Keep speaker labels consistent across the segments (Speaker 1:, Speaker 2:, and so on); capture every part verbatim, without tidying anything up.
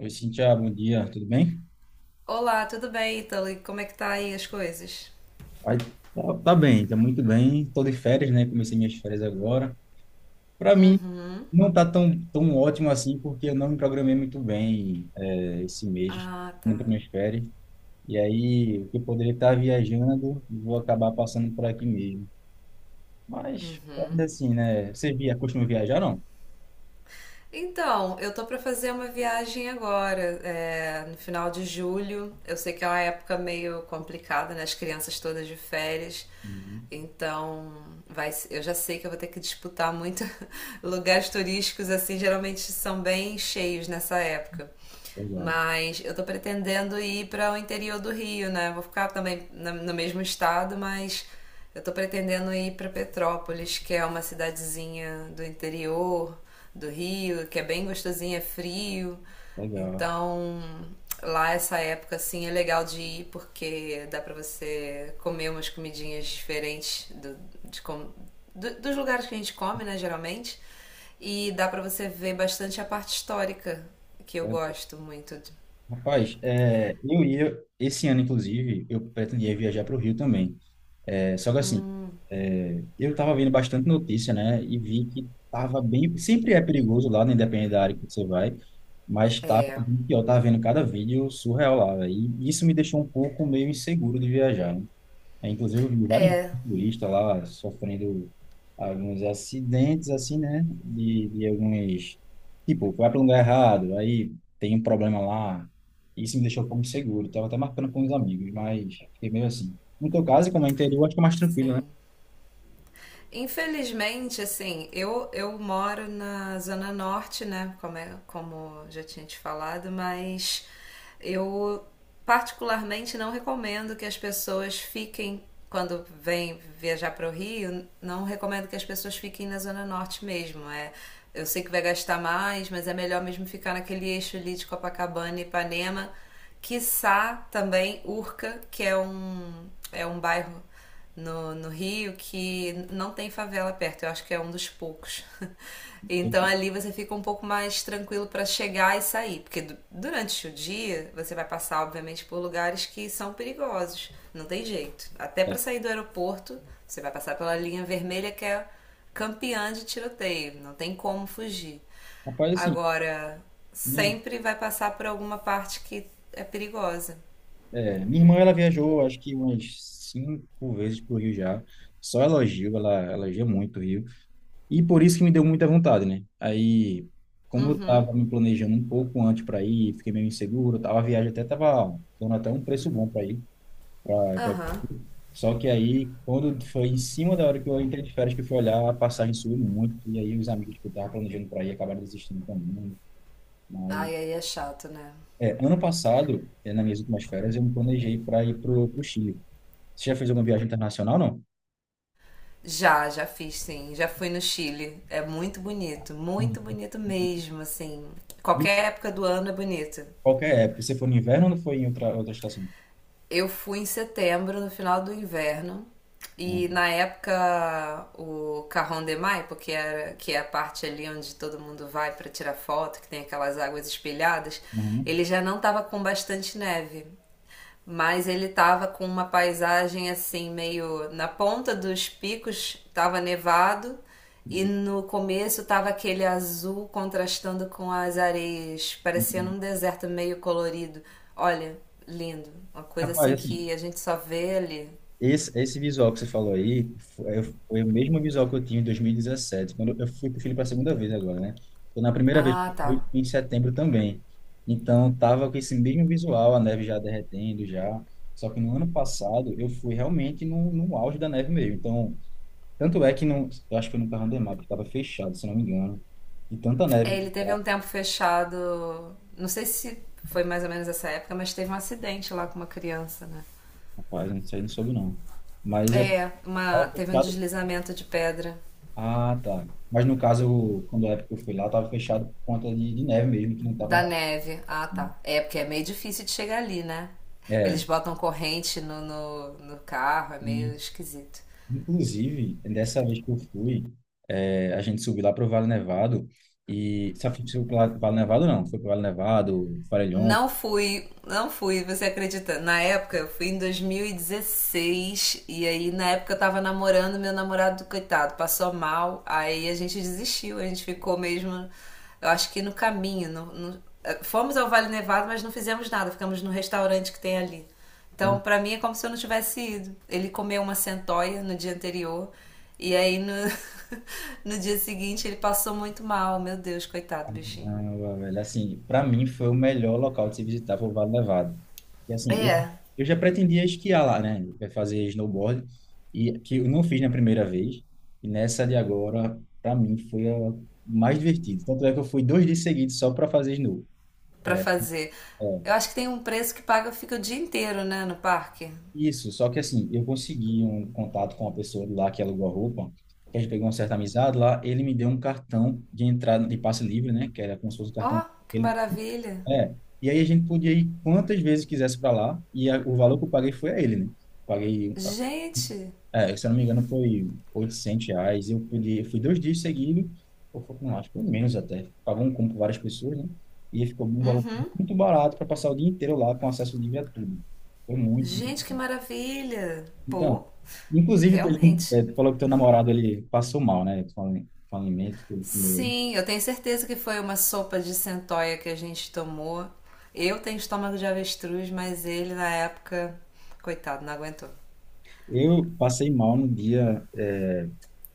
Speaker 1: Oi, Cintia, bom dia, tudo bem?
Speaker 2: Olá, tudo bem, Italy? Como é que tá aí as coisas?
Speaker 1: Ai, tá, tá bem, tá muito bem. Tô de férias, né? Comecei minhas férias agora. Para mim,
Speaker 2: Uhum.
Speaker 1: não tá tão, tão ótimo assim, porque eu não me programei muito bem é, esse mês,
Speaker 2: Ah,
Speaker 1: indo
Speaker 2: tá.
Speaker 1: para minhas férias. E aí, o que eu poderia estar viajando, vou acabar passando por aqui mesmo. Mas, ainda assim, né? Você via, costuma viajar, não?
Speaker 2: Então, eu tô pra fazer uma viagem agora, é, no final de julho. Eu sei que é uma época meio complicada, né? As crianças todas de férias.
Speaker 1: Uhum,
Speaker 2: Então, vai, se- eu já sei que eu vou ter que disputar muito lugares turísticos, assim, geralmente são bem cheios nessa época.
Speaker 1: verdade,
Speaker 2: Mas eu tô pretendendo ir para o interior do Rio, né? Vou ficar também na- no mesmo estado, mas eu tô pretendendo ir para Petrópolis, que é uma cidadezinha do interior do Rio, que é bem gostosinha, é frio.
Speaker 1: legal.
Speaker 2: Então, lá essa época assim é legal de ir porque dá pra você comer umas comidinhas diferentes do, de como- do- dos lugares que a gente come, né, geralmente. E dá pra você ver bastante a parte histórica, que eu
Speaker 1: Legal.
Speaker 2: gosto muito. de-
Speaker 1: Rapaz, é, eu ia, esse ano, inclusive, eu pretendia viajar para o Rio também. É, só que assim, É, eu estava vendo bastante notícia, né? E vi que estava bem. Sempre é perigoso lá, né, independente da área que você vai, mas estava bem pior. Estava vendo cada vídeo surreal lá, véio. E isso me deixou um pouco meio inseguro de viajar, né? É, inclusive, eu vi vários turistas lá sofrendo alguns acidentes, assim, né? De, de alguns. Tipo, vai para um lugar errado, aí tem um problema lá. Isso me deixou um pouco inseguro. Estava até marcando com os amigos, mas fiquei meio assim. No teu caso, como é interior, acho que é mais tranquilo,
Speaker 2: Sim. Infelizmente, assim, eu, eu moro na Zona Norte, né? Como, é, como já tinha te falado, mas eu particularmente não recomendo que as pessoas fiquem, quando vêm viajar para o Rio, não recomendo que as pessoas fiquem na Zona Norte mesmo. É, eu sei que vai gastar mais, mas é melhor mesmo ficar naquele eixo ali de Copacabana e Ipanema, quiçá também Urca, que é um, é um bairro no, no Rio que não tem favela perto. Eu acho que é um dos poucos.
Speaker 1: né?
Speaker 2: Então ali você fica um pouco mais tranquilo para chegar e sair, porque du- durante o dia você vai passar, obviamente, por lugares que são perigosos, não tem jeito. Até
Speaker 1: É.
Speaker 2: para sair do aeroporto, você vai passar pela linha vermelha que é campeã de tiroteio, não tem como fugir.
Speaker 1: Rapaz, assim,
Speaker 2: Agora,
Speaker 1: minha,
Speaker 2: sempre vai passar por alguma parte que é perigosa.
Speaker 1: é, minha irmã ela viajou acho que umas cinco vezes pro Rio já. Só elogio, ela elogia muito o Rio. E por isso que me deu muita vontade, né? Aí, como eu tava me planejando um pouco antes para ir, fiquei meio inseguro, tava, a viagem até tava dando até um preço bom para ir. pra- pra-
Speaker 2: Aham.
Speaker 1: Só que aí, quando foi em cima da hora que eu entrei de férias, que eu fui olhar, a passagem subiu muito. E aí, os amigos que eu tava planejando para ir acabaram desistindo também. Mas
Speaker 2: Ai, aí é chato, né?
Speaker 1: é, ano passado, é, nas minhas últimas férias, eu me planejei para ir para o Chile. Você já fez alguma viagem internacional, não?
Speaker 2: Já, já fiz, sim. Já fui no Chile. É muito bonito, muito
Speaker 1: Uhum.
Speaker 2: bonito mesmo, assim.
Speaker 1: Isso.
Speaker 2: Qualquer época do ano é bonito.
Speaker 1: Qualquer época. Você foi no inverno ou foi em outra, outra estação?
Speaker 2: Eu fui em setembro, no final do inverno, e
Speaker 1: Uhum.
Speaker 2: na época o Cajón de Maipo, que era, que é a parte ali onde todo mundo vai para tirar foto, que tem aquelas águas espelhadas,
Speaker 1: Uhum.
Speaker 2: ele já não estava com bastante neve. Mas ele tava com uma paisagem assim, meio na ponta dos picos, tava nevado e
Speaker 1: E-
Speaker 2: no começo tava aquele azul contrastando com as areias, parecendo
Speaker 1: uhum.
Speaker 2: um deserto meio colorido. Olha, lindo. Uma coisa
Speaker 1: Rapaz,
Speaker 2: assim
Speaker 1: assim,
Speaker 2: que a gente só vê ali.
Speaker 1: esse, esse visual que você falou aí foi, foi o mesmo visual que eu tinha em dois mil e dezessete, quando eu fui para o Chile para a segunda vez agora, né? Então, na primeira vez que
Speaker 2: Ah,
Speaker 1: eu
Speaker 2: tá.
Speaker 1: fui em setembro também. Então, tava com esse mesmo visual, a neve já derretendo, já. Só que no ano passado eu fui realmente no, no auge da neve mesmo. Então, tanto é que não, eu acho que eu nunca andei mais, porque estava fechado, se não me engano. E tanta neve,
Speaker 2: É, ele teve um tempo fechado. Não sei se foi mais ou menos essa época, mas teve um acidente lá com uma criança, né?
Speaker 1: rapaz, isso aí não soube não. Mas assim,
Speaker 2: É, uma,
Speaker 1: tava
Speaker 2: teve um
Speaker 1: fechado.
Speaker 2: deslizamento de pedra
Speaker 1: Ah, tá. Mas no caso, quando a época que eu fui lá, estava fechado por conta de, de neve mesmo, que não estava
Speaker 2: da
Speaker 1: na
Speaker 2: neve. Ah,
Speaker 1: parte, né?
Speaker 2: tá. É, porque é meio difícil de chegar ali, né? Eles
Speaker 1: É,
Speaker 2: botam corrente no, no, no carro, é
Speaker 1: e
Speaker 2: meio esquisito.
Speaker 1: inclusive, dessa vez que eu fui, é, a gente subiu lá para o Vale Nevado, e sabe se foi para Vale Nevado não, foi para o Vale Nevado, Farelhões,
Speaker 2: Não fui, não fui, você acredita? Na época, eu fui em dois mil e dezesseis e dezesseis e aí na época eu tava namorando, meu namorado, coitado, passou mal, aí a gente desistiu, a gente ficou mesmo, eu acho que no caminho, no- no- eh, fomos ao Vale Nevado, mas não fizemos nada, ficamos no restaurante que tem ali. Então, pra mim é como se eu não tivesse ido. Ele comeu uma centoia no dia anterior e aí no, no dia seguinte ele passou muito mal, meu Deus, coitado do bichinho.
Speaker 1: caramba, velho. Assim, para mim foi o melhor local de se visitar, foi o Vale Nevado. E assim, eu,
Speaker 2: É,
Speaker 1: eu já pretendia esquiar lá, né? É, fazer snowboard, e que eu não fiz na primeira vez. E nessa de agora, para mim, foi a mais divertida. Tanto é que eu fui dois dias seguidos só para fazer snow.
Speaker 2: pra fazer.
Speaker 1: É,
Speaker 2: Eu acho que tem um preço que paga, fica o dia inteiro, né, no parque.
Speaker 1: isso, só que assim, eu consegui um contato com uma pessoa de lá que alugou a roupa, que a gente pegou uma certa amizade lá, ele me deu um cartão de entrada de passe livre, né? Que era como se fosse um
Speaker 2: Ó,
Speaker 1: cartão.
Speaker 2: que
Speaker 1: Ele
Speaker 2: maravilha.
Speaker 1: É. E aí a gente podia ir quantas vezes quisesse para lá, e a- o valor que eu paguei foi a ele, né? Paguei,
Speaker 2: Gente,
Speaker 1: é, se eu não me engano, foi oitocentos reais. Eu podia, fui dois dias seguidos, ou foi, não, acho que foi menos até. Pagou um combo com várias pessoas, né? E ficou um valor muito barato para passar o dia inteiro lá com acesso livre a tudo. Foi muito bom.
Speaker 2: gente, que maravilha.
Speaker 1: Então,
Speaker 2: Pô,
Speaker 1: inclusive, teve um-
Speaker 2: realmente.
Speaker 1: é, tu falou que teu namorado ele passou mal, né? Com ali- com alimento que ele comeu.
Speaker 2: Sim, eu tenho certeza que foi uma sopa de centoia que a gente tomou. Eu tenho estômago de avestruz, mas ele na época, coitado, não aguentou.
Speaker 1: Eu passei mal no dia. É,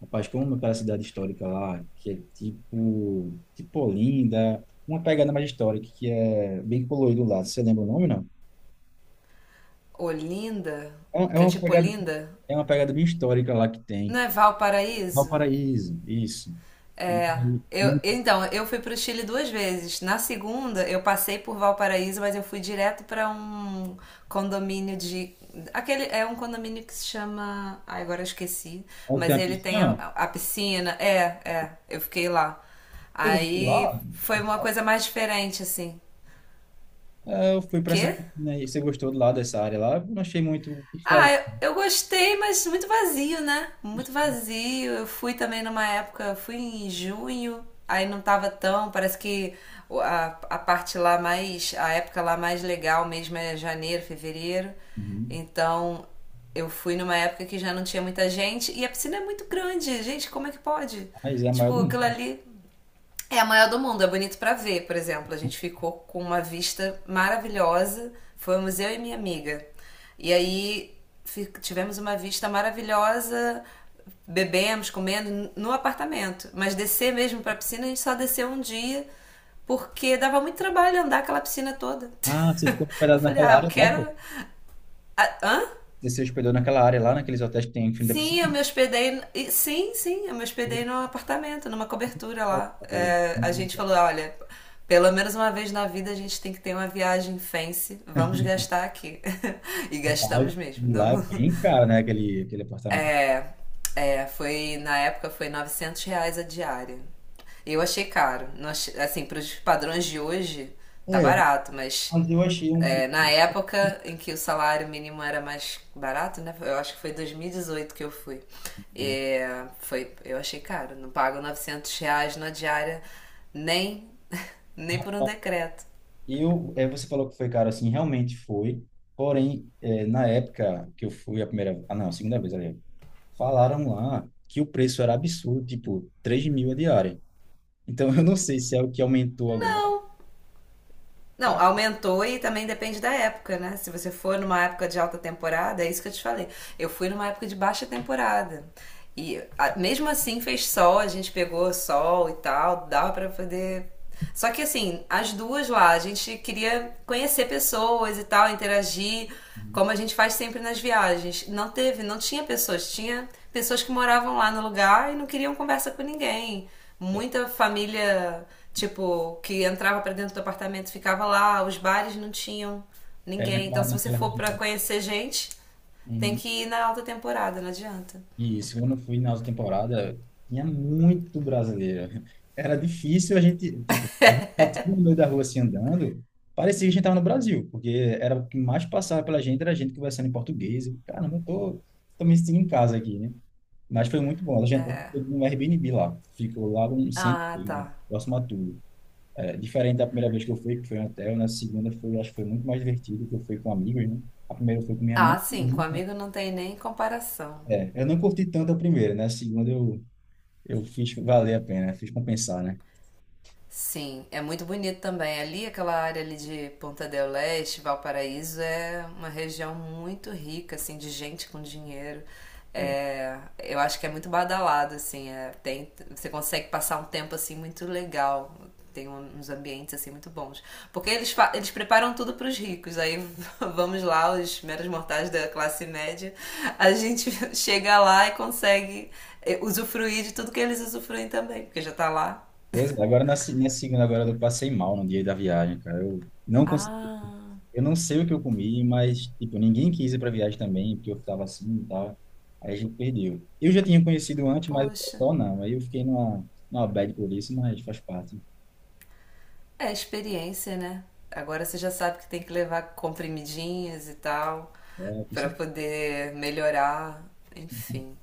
Speaker 1: rapaz, como aquela cidade histórica lá, que é tipo, tipo Olinda, uma pegada mais histórica, que é bem colorido lá. Você lembra o nome, não?
Speaker 2: Olinda,
Speaker 1: É uma é
Speaker 2: que é
Speaker 1: uma
Speaker 2: tipo
Speaker 1: pegada,
Speaker 2: Olinda,
Speaker 1: é uma pegada bem histórica lá que
Speaker 2: não
Speaker 1: tem.
Speaker 2: é Valparaíso?
Speaker 1: Valparaíso, isso. E
Speaker 2: É,
Speaker 1: aí,
Speaker 2: eu,
Speaker 1: não
Speaker 2: então, eu fui para o Chile duas vezes. Na segunda, eu passei por Valparaíso, mas eu fui direto para um condomínio de. Aquele é um condomínio que se chama. Ai, agora eu esqueci.
Speaker 1: tem
Speaker 2: Mas
Speaker 1: a
Speaker 2: ele
Speaker 1: piscina,
Speaker 2: tem a,
Speaker 1: não.
Speaker 2: a piscina. É, é. Eu fiquei lá.
Speaker 1: Você gostou
Speaker 2: Aí
Speaker 1: lá?
Speaker 2: foi uma coisa mais diferente, assim.
Speaker 1: É, eu fui para essa
Speaker 2: Quê?
Speaker 1: piscina aí. Você gostou lá dessa área lá? Eu não achei muito o que fazer.
Speaker 2: Ah, eu, eu gostei, mas muito vazio, né? Muito vazio. Eu fui também numa época, fui em junho, aí não tava tão, parece que o- a, a parte lá mais, a época lá mais legal mesmo é janeiro, fevereiro.
Speaker 1: Uhum.
Speaker 2: Então, eu fui numa época que já não tinha muita gente e a piscina é muito grande. Gente, como é que pode?
Speaker 1: Mas é a maior do
Speaker 2: Tipo, aquilo
Speaker 1: mundo.
Speaker 2: ali é a maior do mundo, é bonito pra ver, por exemplo. A gente ficou com uma vista maravilhosa. Fomos eu e minha amiga. E aí fi- tivemos uma vista maravilhosa, bebemos, comendo n- no apartamento. Mas descer mesmo pra piscina, a gente só desceu um dia, porque dava muito trabalho andar aquela piscina toda.
Speaker 1: Ah, você ficou
Speaker 2: Eu
Speaker 1: hospedado
Speaker 2: falei,
Speaker 1: naquela
Speaker 2: ah, eu
Speaker 1: área lá, pô?
Speaker 2: quero. Ah, hã?
Speaker 1: Você se hospedou naquela área lá, naqueles hotéis que tem em frente da
Speaker 2: Sim, eu
Speaker 1: piscina?
Speaker 2: me hospedei. e- Sim, sim, eu me hospedei num apartamento, numa cobertura lá. É, a gente falou: olha, pelo menos uma vez na vida a gente tem que ter uma viagem fancy, vamos gastar aqui. E gastamos mesmo.
Speaker 1: E lá é
Speaker 2: Não,
Speaker 1: bem caro, né? Aquele, aquele apartamento.
Speaker 2: é, é, foi na época foi novecentos reais a diária. Eu achei caro. Não achei- assim, para os padrões de hoje, tá
Speaker 1: É,
Speaker 2: barato, mas
Speaker 1: mas eu achei um preço.
Speaker 2: é, na época em que o salário mínimo era mais barato, né? Eu acho que foi dois mil e dezoito que eu fui. É, foi, eu achei caro. Não pago novecentos reais na diária nem, nem por um decreto.
Speaker 1: Eu, é, você falou que foi caro assim, realmente foi. Porém, é, na época que eu fui a primeira, ah não, a segunda vez, aliás, falaram lá que o preço era absurdo, tipo, três mil a diária. Então, eu não sei se é o que aumentou agora.
Speaker 2: Não, Não,
Speaker 1: Cara,
Speaker 2: aumentou e também depende da época, né? Se você for numa época de alta temporada, é isso que eu te falei. Eu fui numa época de baixa temporada. E a- mesmo assim fez sol, a gente pegou sol e tal, dava pra poder. Só que assim, as duas lá, a gente queria conhecer pessoas e tal, interagir, como a gente faz sempre nas viagens. Não teve, não tinha pessoas, tinha pessoas que moravam lá no lugar e não queriam conversa com ninguém.
Speaker 1: é
Speaker 2: Muita família, tipo, que entrava pra dentro do apartamento ficava lá, os bares não tinham
Speaker 1: é
Speaker 2: ninguém. Então,
Speaker 1: naquela,
Speaker 2: se você
Speaker 1: naquela
Speaker 2: for pra
Speaker 1: região.
Speaker 2: conhecer gente, tem
Speaker 1: Uhum.
Speaker 2: que ir na alta temporada, não adianta.
Speaker 1: Isso, quando eu fui na outra temporada, tinha muito brasileiro. Era difícil a gente, tipo, a gente passava no meio da rua assim andando, parecia que a gente estava no Brasil, porque era o que mais passava pela gente, era a gente conversando em português. Eu, caramba, eu tô, tô me sentindo em casa aqui, né? Mas foi muito bom. A gente foi no Airbnb lá, ficou lá no centro,
Speaker 2: Ah,
Speaker 1: né?
Speaker 2: tá.
Speaker 1: Próximo a tudo. É, diferente da primeira vez que eu fui, que foi em hotel, na segunda foi, acho que foi muito mais divertido, que eu fui com amigos, né? A primeira foi com minha mãe,
Speaker 2: Ah,
Speaker 1: e minha
Speaker 2: sim, com
Speaker 1: irmã.
Speaker 2: amigo não tem nem comparação.
Speaker 1: É, eu não curti tanto a primeira, né? A segunda eu eu fiz valer a pena, fiz compensar, né?
Speaker 2: Sim, é muito bonito também. Ali, aquela área ali de Ponta del Este, Valparaíso, é uma região muito rica, assim, de gente com dinheiro.
Speaker 1: É.
Speaker 2: É, eu acho que é muito badalado, assim, é, tem, você consegue passar um tempo, assim, muito legal. Tem um- uns ambientes, assim, muito bons. Porque eles, fa- eles preparam tudo para os ricos. Aí vamos lá, os meros mortais da classe média, a gente chega lá e consegue eh, usufruir de tudo que eles usufruem também, porque já tá lá.
Speaker 1: Pois é, agora na se- minha segunda agora eu passei mal no dia da viagem, cara. Eu não consegui,
Speaker 2: Ah,
Speaker 1: eu não sei o que eu comi, mas tipo, ninguém quis ir para viagem também, porque eu ficava assim e tal. Aí a gente perdeu. Eu já tinha conhecido antes, mas o
Speaker 2: Poxa,
Speaker 1: pessoal não. Aí eu fiquei numa, numa bad por isso, mas faz parte.
Speaker 2: é experiência, né? Agora você já sabe que tem que levar comprimidinhos e tal
Speaker 1: É, com
Speaker 2: para
Speaker 1: certeza.
Speaker 2: poder melhorar, enfim.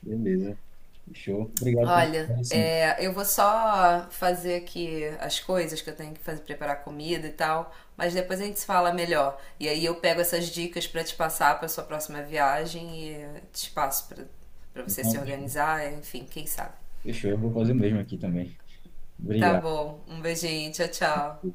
Speaker 1: Beleza. Fechou. Obrigado
Speaker 2: Olha,
Speaker 1: pela assim.
Speaker 2: é, eu vou só fazer aqui as coisas que eu tenho que fazer, preparar comida e tal, mas depois a gente se fala melhor. E aí eu pego essas dicas para te passar para sua próxima viagem e te passo para para você se
Speaker 1: Fechou.
Speaker 2: organizar, enfim, quem sabe.
Speaker 1: Fechou, eu vou fazer o mesmo aqui também.
Speaker 2: Tá
Speaker 1: Obrigado.
Speaker 2: bom, um beijinho, tchau, tchau.